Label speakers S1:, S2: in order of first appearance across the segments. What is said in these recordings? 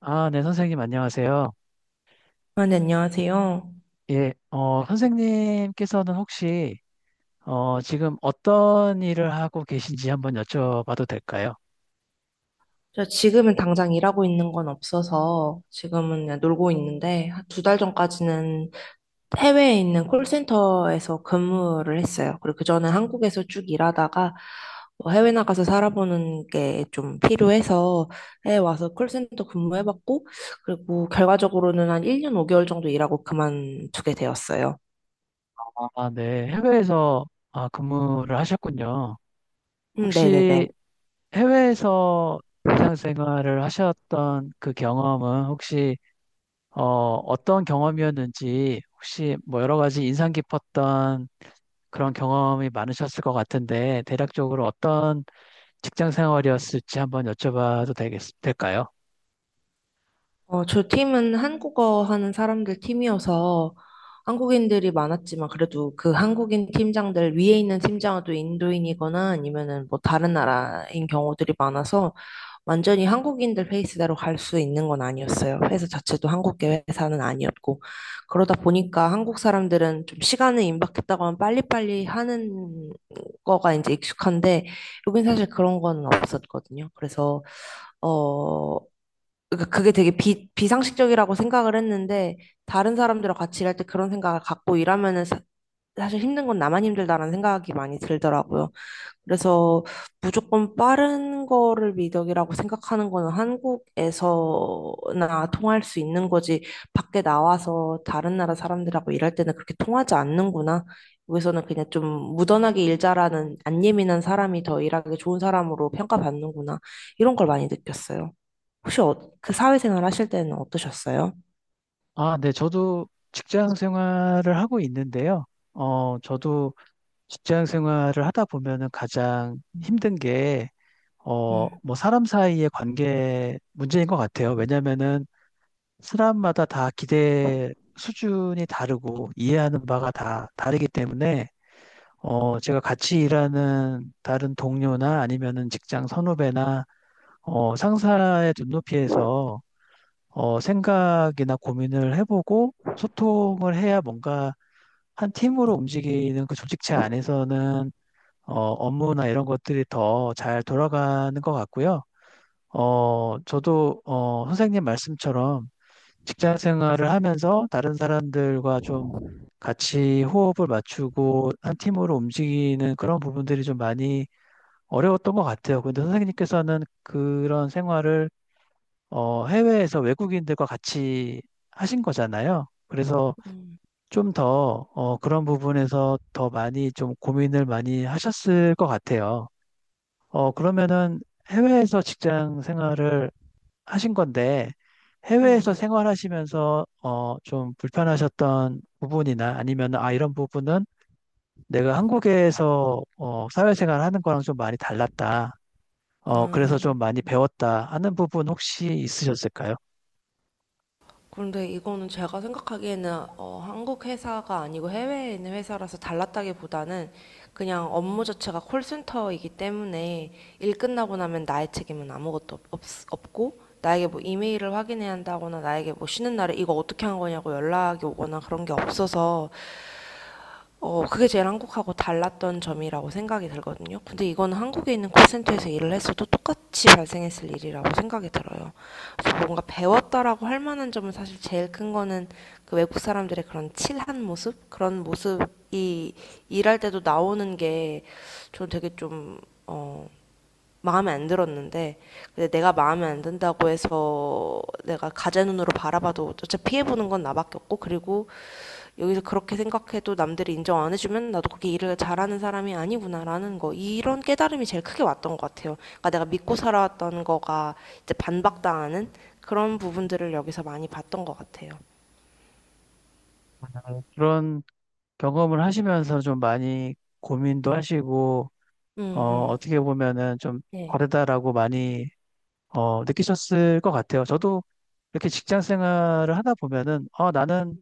S1: 아, 네, 선생님, 안녕하세요.
S2: 아, 네, 안녕하세요.
S1: 예, 선생님께서는 혹시, 지금 어떤 일을 하고 계신지 한번 여쭤봐도 될까요?
S2: 저 지금은 당장 일하고 있는 건 없어서 지금은 그냥 놀고 있는데, 2달 전까지는 해외에 있는 콜센터에서 근무를 했어요. 그리고 그전에 한국에서 쭉 일하다가 뭐 해외 나가서 살아보는 게 좀 필요해서 해외 와서 콜센터 근무해봤고, 그리고 결과적으로는 한 1년 5개월 정도 일하고 그만두게 되었어요.
S1: 아, 네, 해외에서 아, 근무를 하셨군요. 혹시
S2: 네네네.
S1: 해외에서 직장 생활을 하셨던 그 경험은 혹시, 어떤 경험이었는지 혹시 뭐 여러 가지 인상 깊었던 그런 경험이 많으셨을 것 같은데, 대략적으로 어떤 직장 생활이었을지 한번 여쭤봐도 될까요?
S2: 저 팀은 한국어 하는 사람들 팀이어서 한국인들이 많았지만, 그래도 그 한국인 팀장들 위에 있는 팀장은 또 인도인이거나 아니면은 뭐 다른 나라인 경우들이 많아서 완전히 한국인들 페이스대로 갈 수 있는 건 아니었어요. 회사 자체도 한국계 회사는 아니었고, 그러다 보니까 한국 사람들은 좀 시간을 임박했다고 하면 빨리빨리 하는 거가 이제 익숙한데, 여긴 사실 그런 거는 없었거든요. 그래서 어, 그게 되게 비상식적이라고 생각을 했는데, 다른 사람들과 같이 일할 때 그런 생각을 갖고 일하면은 사, 실 힘든 건 나만 힘들다라는 생각이 많이 들더라고요. 그래서 무조건 빠른 거를 미덕이라고 생각하는 거는 한국에서나 통할 수 있는 거지, 밖에 나와서 다른 나라 사람들하고 일할 때는 그렇게 통하지 않는구나. 여기서는 그냥 좀 무던하게 일 잘하는, 안 예민한 사람이 더 일하기 좋은 사람으로 평가받는구나. 이런 걸 많이 느꼈어요. 혹시 그 사회생활 하실 때는 어떠셨어요?
S1: 아, 네, 저도 직장 생활을 하고 있는데요. 저도 직장 생활을 하다 보면은 가장 힘든 게,
S2: 음,
S1: 뭐 사람 사이의 관계 문제인 것 같아요. 왜냐면은 사람마다 다 기대 수준이 다르고 이해하는 바가 다 다르기 때문에, 제가 같이 일하는 다른 동료나 아니면은 직장 선후배나, 상사의 눈높이에서 생각이나 고민을 해보고 소통을 해야 뭔가 한 팀으로 움직이는 그 조직체 안에서는 업무나 이런 것들이 더 잘 돌아가는 것 같고요. 저도 선생님 말씀처럼 직장 생활을 하면서 다른 사람들과 좀 같이 호흡을 맞추고 한 팀으로 움직이는 그런 부분들이 좀 많이 어려웠던 것 같아요. 근데 선생님께서는 그런 생활을 해외에서 외국인들과 같이 하신 거잖아요. 그래서
S2: 음,
S1: 좀 더, 그런 부분에서 더 많이 좀 고민을 많이 하셨을 것 같아요. 그러면은 해외에서 직장 생활을 하신 건데, 해외에서
S2: 음,
S1: 생활하시면서, 좀 불편하셨던 부분이나 아니면, 아, 이런 부분은 내가 한국에서, 사회생활 하는 거랑 좀 많이 달랐다. 그래서
S2: 아,
S1: 좀 많이
S2: 음.
S1: 배웠다 하는 부분 혹시 있으셨을까요?
S2: 그런데 이거는 제가 생각하기에는 한국 회사가 아니고 해외에 있는 회사라서 달랐다기보다는, 그냥 업무 자체가 콜센터이기 때문에 일 끝나고 나면 나의 책임은 아무것도 없고, 나에게 뭐 이메일을 확인해야 한다거나 나에게 뭐 쉬는 날에 이거 어떻게 한 거냐고 연락이 오거나 그런 게 없어서, 그게 제일 한국하고 달랐던 점이라고 생각이 들거든요. 근데 이건 한국에 있는 콜센터에서 일을 했어도 똑같이 발생했을 일이라고 생각이 들어요. 그래서 뭔가 배웠다라고 할 만한 점은, 사실 제일 큰 거는 그 외국 사람들의 그런 칠한 모습? 그런 모습이 일할 때도 나오는 게 저는 되게 좀, 어, 마음에 안 들었는데, 근데 내가 마음에 안 든다고 해서 내가 가재 눈으로 바라봐도 어차피 피해보는 건 나밖에 없고, 그리고 여기서 그렇게 생각해도 남들이 인정 안 해주면 나도 그렇게 일을 잘하는 사람이 아니구나라는 거, 이런 깨달음이 제일 크게 왔던 것 같아요. 그러니까 내가 믿고 살아왔던 거가 이제 반박당하는 그런 부분들을 여기서 많이 봤던 것 같아요.
S1: 그런 경험을 하시면서 좀 많이 고민도
S2: 음,
S1: 하시고,
S2: 음,
S1: 어,
S2: 음.
S1: 어떻게 보면은 좀
S2: 네,
S1: 다르다라고 많이, 느끼셨을 것 같아요. 저도 이렇게 직장 생활을 하다 보면은, 나는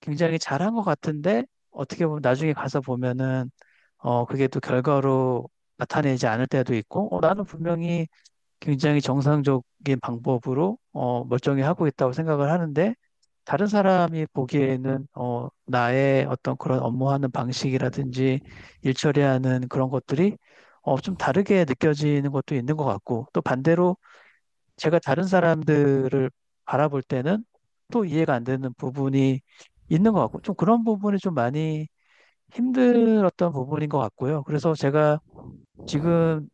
S1: 굉장히 잘한 것 같은데, 어떻게 보면 나중에 가서 보면은, 그게 또 결과로 나타내지 않을 때도 있고, 나는 분명히 굉장히 정상적인 방법으로, 멀쩡히 하고 있다고 생각을 하는데, 다른 사람이 보기에는 나의 어떤 그런 업무하는 방식이라든지 일 처리하는 그런 것들이 좀 다르게 느껴지는 것도 있는 것 같고 또 반대로 제가 다른 사람들을 바라볼 때는 또 이해가 안 되는 부분이 있는 것 같고 좀 그런 부분이 좀 많이 힘들었던 부분인 것 같고요. 그래서 제가 지금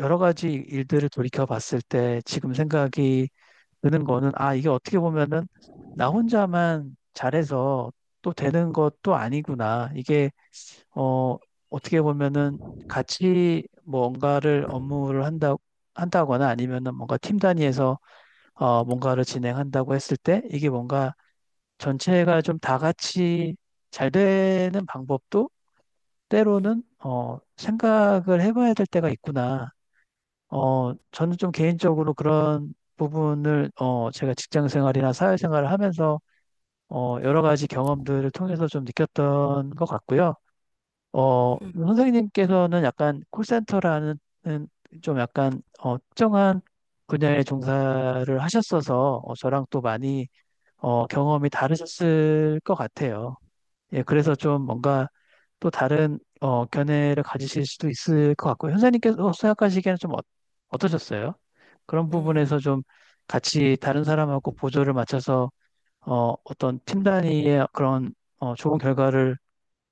S1: 여러 가지 일들을 돌이켜 봤을 때 지금 생각이 드는 거는 아, 이게 어떻게 보면은 나 혼자만 잘해서 또 되는 것도 아니구나. 이게 어, 어떻게 보면은 같이 뭔가를 업무를 한다거나 아니면은 뭔가 팀 단위에서 뭔가를 진행한다고 했을 때 이게 뭔가 전체가 좀 다 같이 잘 되는 방법도 때로는 생각을 해봐야 될 때가 있구나. 저는 좀 개인적으로 그런 부분을, 제가 직장 생활이나 사회 생활을 하면서, 여러 가지 경험들을 통해서 좀 느꼈던 것 같고요. 선생님께서는 약간 콜센터라는 음, 좀 약간, 특정한 분야에 종사를 하셨어서, 저랑 또 많이, 경험이 다르셨을 것 같아요. 예, 그래서 좀 뭔가 또 다른 견해를 가지실 수도 있을 것 같고 현사님께서 생각하시기에는 좀 어떠셨어요? 그런
S2: 음.
S1: 부분에서 좀 같이 다른 사람하고 보조를 맞춰서 어떤 팀 단위의 그런 좋은 결과를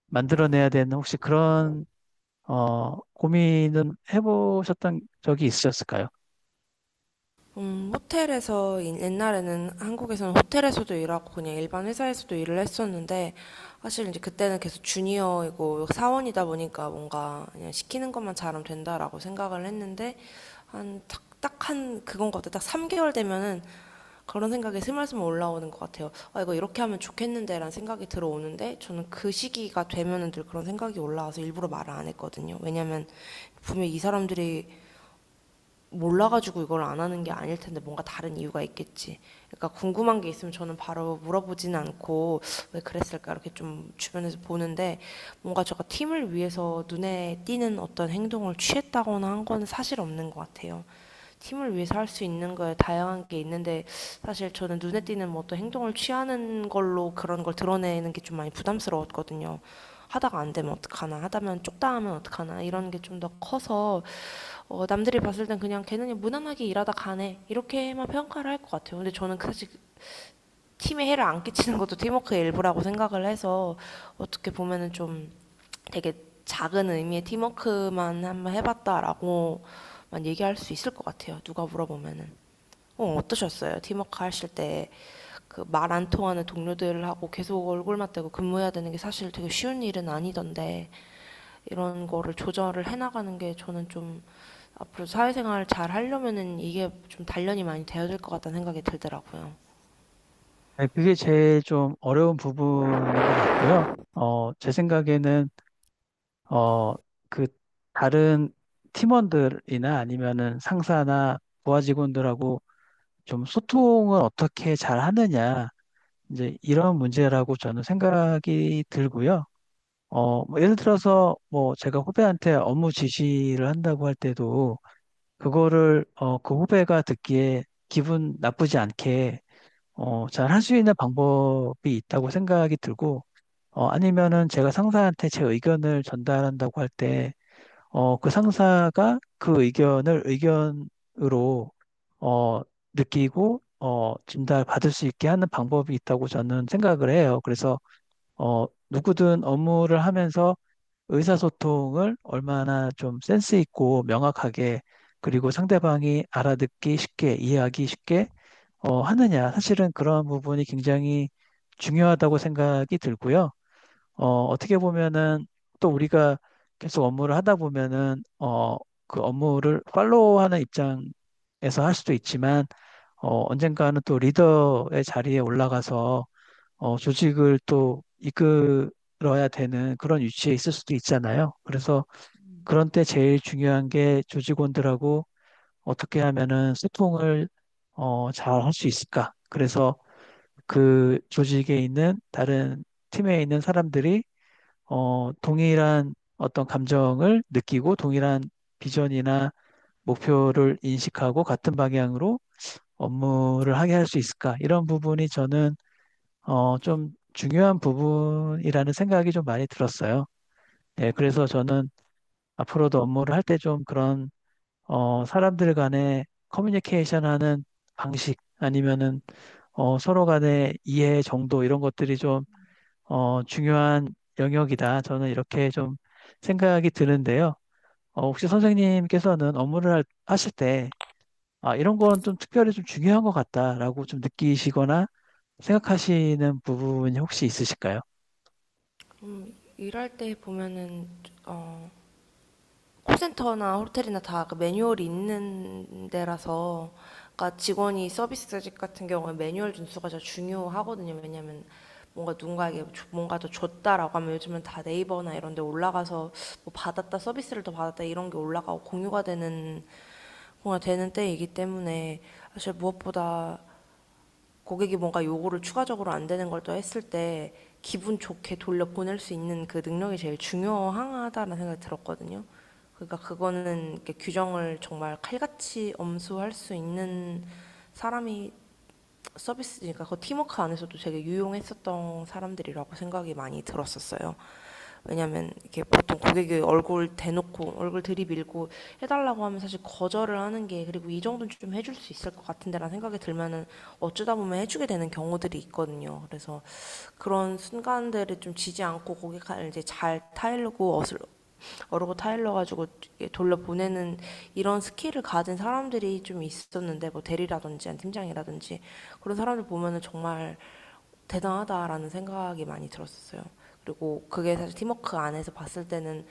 S1: 만들어내야 되는 혹시 그런 고민은 해보셨던 적이 있으셨을까요?
S2: 호텔에서, 옛날에는 한국에서는 호텔에서도 일하고 그냥 일반 회사에서도 일을 했었는데, 사실 이제 그때는 계속 주니어이고 사원이다 보니까 뭔가 그냥 시키는 것만 잘하면 된다라고 생각을 했는데, 한 딱 한 그건 것 같아요. 딱 3개월 되면은 그런 생각이 스멀스멀 올라오는 것 같아요. 아, 이거 이렇게 하면 좋겠는데라는 생각이 들어오는데, 저는 그 시기가 되면은 늘 그런 생각이 올라와서 일부러 말을 안 했거든요. 왜냐면 분명히 이 사람들이 몰라가지고 이걸 안 하는 게 아닐 텐데, 뭔가 다른 이유가 있겠지. 그러니까 궁금한 게 있으면 저는 바로 물어보진 않고 왜 그랬을까 이렇게 좀 주변에서 보는데, 뭔가 제가 팀을 위해서 눈에 띄는 어떤 행동을 취했다거나 한 건 사실 없는 것 같아요. 팀을 위해서 할 수 있는 거에 다양한 게 있는데, 사실 저는 눈에 띄는 뭐 어떤 행동을 취하는 걸로 그런 걸 드러내는 게 좀 많이 부담스러웠거든요. 하다가 안 되면 어떡하나, 하다면 쪽다 하면 어떡하나, 이런 게 좀 더 커서, 남들이 봤을 땐 그냥 걔는 그냥 무난하게 일하다 가네 이렇게만 평가를 할 것 같아요. 근데 저는 그 사실 팀에 해를 안 끼치는 것도 팀워크의 일부라고 생각을 해서, 어떻게 보면은 좀 되게 작은 의미의 팀워크만 한번 해봤다라고만 얘기할 수 있을 것 같아요, 누가 물어보면은. 어떠셨어요? 팀워크 하실 때 그 말 안 통하는 동료들하고 계속 얼굴 맞대고 근무해야 되는 게 사실 되게 쉬운 일은 아니던데, 이런 거를 조절을 해나가는 게 저는 좀 앞으로 사회생활 을 잘 하려면은 이게 좀 단련이 많이 되어야 될 것 같다는 생각이 들더라고요.
S1: 네, 그게 제일 좀 어려운 부분인 것 같고요. 제 생각에는 어, 그 다른 팀원들이나 아니면은 상사나 부하 직원들하고 좀 소통을 어떻게 잘 하느냐, 이제 이런 문제라고 저는 생각이 들고요. 뭐 예를 들어서 뭐 제가 후배한테 업무 지시를 한다고 할 때도 그거를 그 후배가 듣기에 기분 나쁘지 않게 잘 할 수 있는 방법이 있다고 생각이 들고, 아니면은 제가 상사한테 제 의견을 전달한다고 할때 그 상사가 그 의견을 의견으로 어, 느끼고 진단을 받을 수 있게 하는 방법이 있다고 저는 생각을 해요. 그래서 누구든 업무를 하면서 의사소통을 얼마나 좀 센스 있고 명확하게 그리고 상대방이 알아듣기 쉽게 이해하기 쉽게 하느냐. 사실은 그런 부분이 굉장히 중요하다고 생각이 들고요. 어떻게 보면은 또 우리가 계속 업무를 하다 보면은 그 업무를 팔로우하는 입장에서 할 수도 있지만 언젠가는 또 리더의 자리에 올라가서 조직을 또 이끌어야 되는 그런 위치에 있을 수도 있잖아요. 그래서 그런 때 제일 중요한 게 조직원들하고 어떻게 하면은 소통을 잘 할 수 있을까? 그래서 그 조직에 있는 다른 팀에 있는 사람들이 동일한 어떤 감정을 느끼고 동일한 비전이나 목표를 인식하고 같은 방향으로 업무를 하게 할 수 있을까? 이런 부분이 저는 좀 중요한 부분이라는 생각이 좀 많이 들었어요. 네, 그래서 저는 앞으로도 업무를 할 때 좀 그런 사람들 간의 커뮤니케이션 하는 방식 아니면은 서로 간의 이해 정도 이런 것들이 좀 중요한 영역이다. 저는 이렇게 좀 생각이 드는데요. 혹시 선생님께서는 업무를 하실 때, 아, 이런 건 좀 특별히 좀 중요한 것 같다라고 좀 느끼시거나 생각하시는 부분이 혹시 있으실까요?
S2: 일할 때 보면은 어, 콜센터나 호텔이나 다그 매뉴얼이 있는 데라서, 그러니까 직원이 서비스직 같은 경우에 매뉴얼 준수가 더 중요하거든요. 왜냐면 뭔가 누군가에게 뭔가 더 줬다라고 하면, 요즘은 다 네이버나 이런 데 올라가서 뭐 받았다, 서비스를 더 받았다, 이런 게 올라가고 공유가 되는 때이기 때문에 사실 무엇보다 고객이 뭔가 요구를 추가적으로 안 되는 걸 또 했을 때 기분 좋게 돌려 보낼 수 있는 그 능력이 제일 중요하다는 생각이 들었거든요. 그러니까 그거는 규정을 정말 칼같이 엄수할 수 있는 사람이, 서비스니까 그 팀워크 안에서도 되게 유용했었던 사람들이라고 생각이 많이 들었었어요. 왜냐면 이렇게 보통 고객이 얼굴 대놓고 얼굴 들이밀고 해달라고 하면, 사실 거절을 하는 게, 그리고 이 정도는 좀 해줄 수 있을 것 같은데라는 생각이 들면은 어쩌다 보면 해주게 되는 경우들이 있거든요. 그래서 그런 순간들을 좀 지지 않고 고객을 이제 잘 타일르고, 어르고 타일러 가지고 돌려보내는, 이런 스킬을 가진 사람들이 좀 있었는데, 뭐 대리라든지 아니면 팀장이라든지 그런 사람들 보면은 정말 대단하다라는 생각이 많이 들었었어요. 그리고 그게 사실 팀워크 안에서 봤을 때는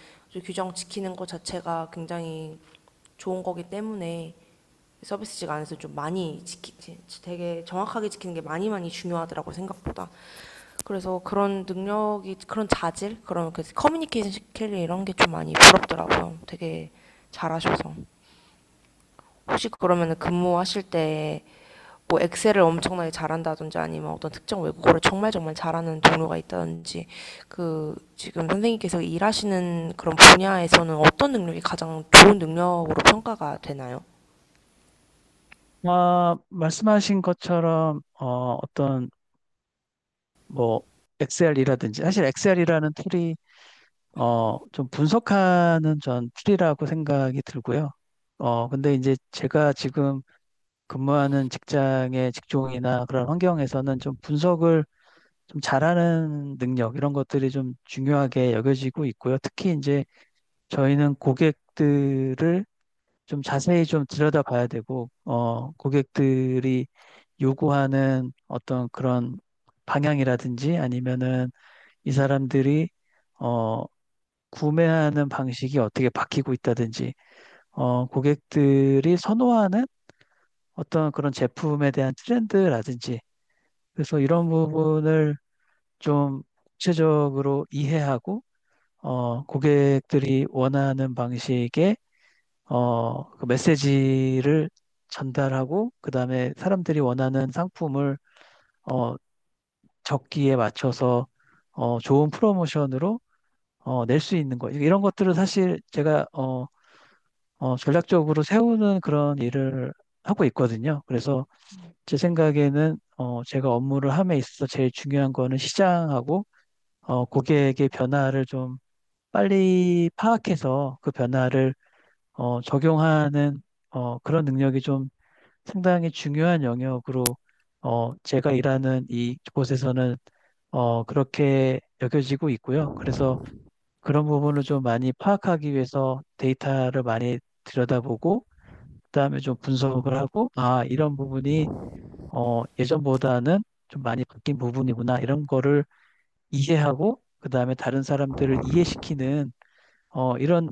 S2: 규정 지키는 것 자체가 굉장히 좋은 거기 때문에, 서비스직 안에서 좀 많이 되게 정확하게 지키는 게 많이 많이 중요하더라고 요, 생각보다. 그래서 그런 능력이, 그런 자질, 그런 그 커뮤니케이션 스킬, 이런 게 좀 많이 부럽더라고요. 되게 잘하셔서. 혹시 그러면 근무하실 때 뭐 엑셀을 엄청나게 잘한다든지, 아니면 어떤 특정 외국어를 정말 정말 잘하는 동료가 있다든지, 그 지금 선생님께서 일하시는 그런 분야에서는 어떤 능력이 가장 좋은 능력으로 평가가 되나요?
S1: 아, 말씀하신 것처럼, 어떤, 뭐, 엑셀이라든지, 사실 엑셀이라는 툴이, 좀 분석하는 전 툴이라고 생각이 들고요. 근데 이제 제가 지금 근무하는 직장의 직종이나 그런 환경에서는 좀 분석을 좀 잘하는 능력 이런 것들이 좀 중요하게 여겨지고 있고요. 특히 이제 저희는 고객들을 좀 자세히 좀 들여다봐야 되고, 고객들이 요구하는 어떤 그런 방향이라든지 아니면은 이 사람들이 어, 구매하는 방식이 어떻게 바뀌고 있다든지, 고객들이 선호하는 어떤 그런 제품에 대한 트렌드라든지, 그래서 이런 부분을 좀 구체적으로 이해하고 고객들이 원하는 방식의 그 메시지를 전달하고 그다음에 사람들이 원하는 상품을 어, 적기에 맞춰서 좋은 프로모션으로 낼 수 있는 거. 이런 것들을 사실 제가 전략적으로 세우는 그런 일을 하고 있거든요. 그래서 제 생각에는 제가 업무를 함에 있어서 제일 중요한 거는 시장하고 고객의 변화를 좀 빨리 파악해서 그 변화를 적용하는 그런 능력이 좀 상당히 중요한 영역으로 제가 일하는 이 곳에서는 그렇게 여겨지고 있고요. 그래서 그런 부분을 좀 많이 파악하기 위해서 데이터를 많이 들여다보고 그다음에 좀 분석을 하고 아, 이런 부분이 예전보다는 좀 많이 바뀐 부분이구나 이런 거를 이해하고 그다음에 다른 사람들을 이해시키는 이런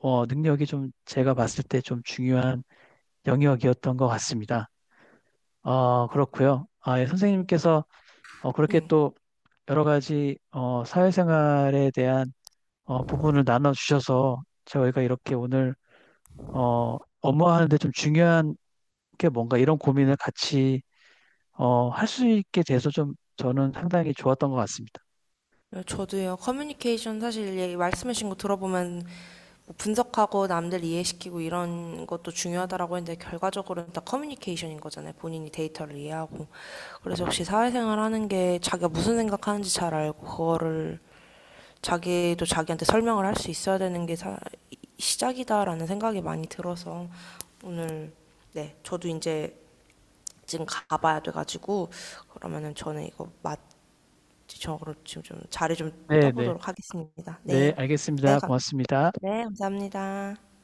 S1: 능력이 좀 제가 봤을 때 좀 중요한 영역이었던 것 같습니다. 그렇고요. 아, 예, 선생님께서 그렇게
S2: 음.
S1: 또 여러 가지 사회생활에 대한 부분을 나눠주셔서 저희가 이렇게 오늘 업무하는데 좀 중요한 게 뭔가 이런 고민을 같이 할 수 있게 돼서 좀 저는 상당히 좋았던 것 같습니다.
S2: 저도요. 커뮤니케이션, 사실 말씀하신 거 들어보면 뭐 분석하고 남들 이해시키고 이런 것도 중요하다라고 했는데, 결과적으로는 다 커뮤니케이션인 거잖아요. 본인이 데이터를 이해하고. 그래서 역시 사회생활 하는 게 자기가 무슨 생각하는지 잘 알고 그거를 자기도 자기한테 설명을 할 수 있어야 되는 게 시작이다라는 생각이 많이 들어서. 오늘. 네, 저도 이제 지금 가봐야 돼가지고, 그러면은 저는 이거 맞 저거를 지금 좀 자리 좀
S1: 네, 네.
S2: 떠보도록 하겠습니다.
S1: 네,
S2: 네, 네,
S1: 알겠습니다. 고맙습니다.
S2: 네, 감사합니다.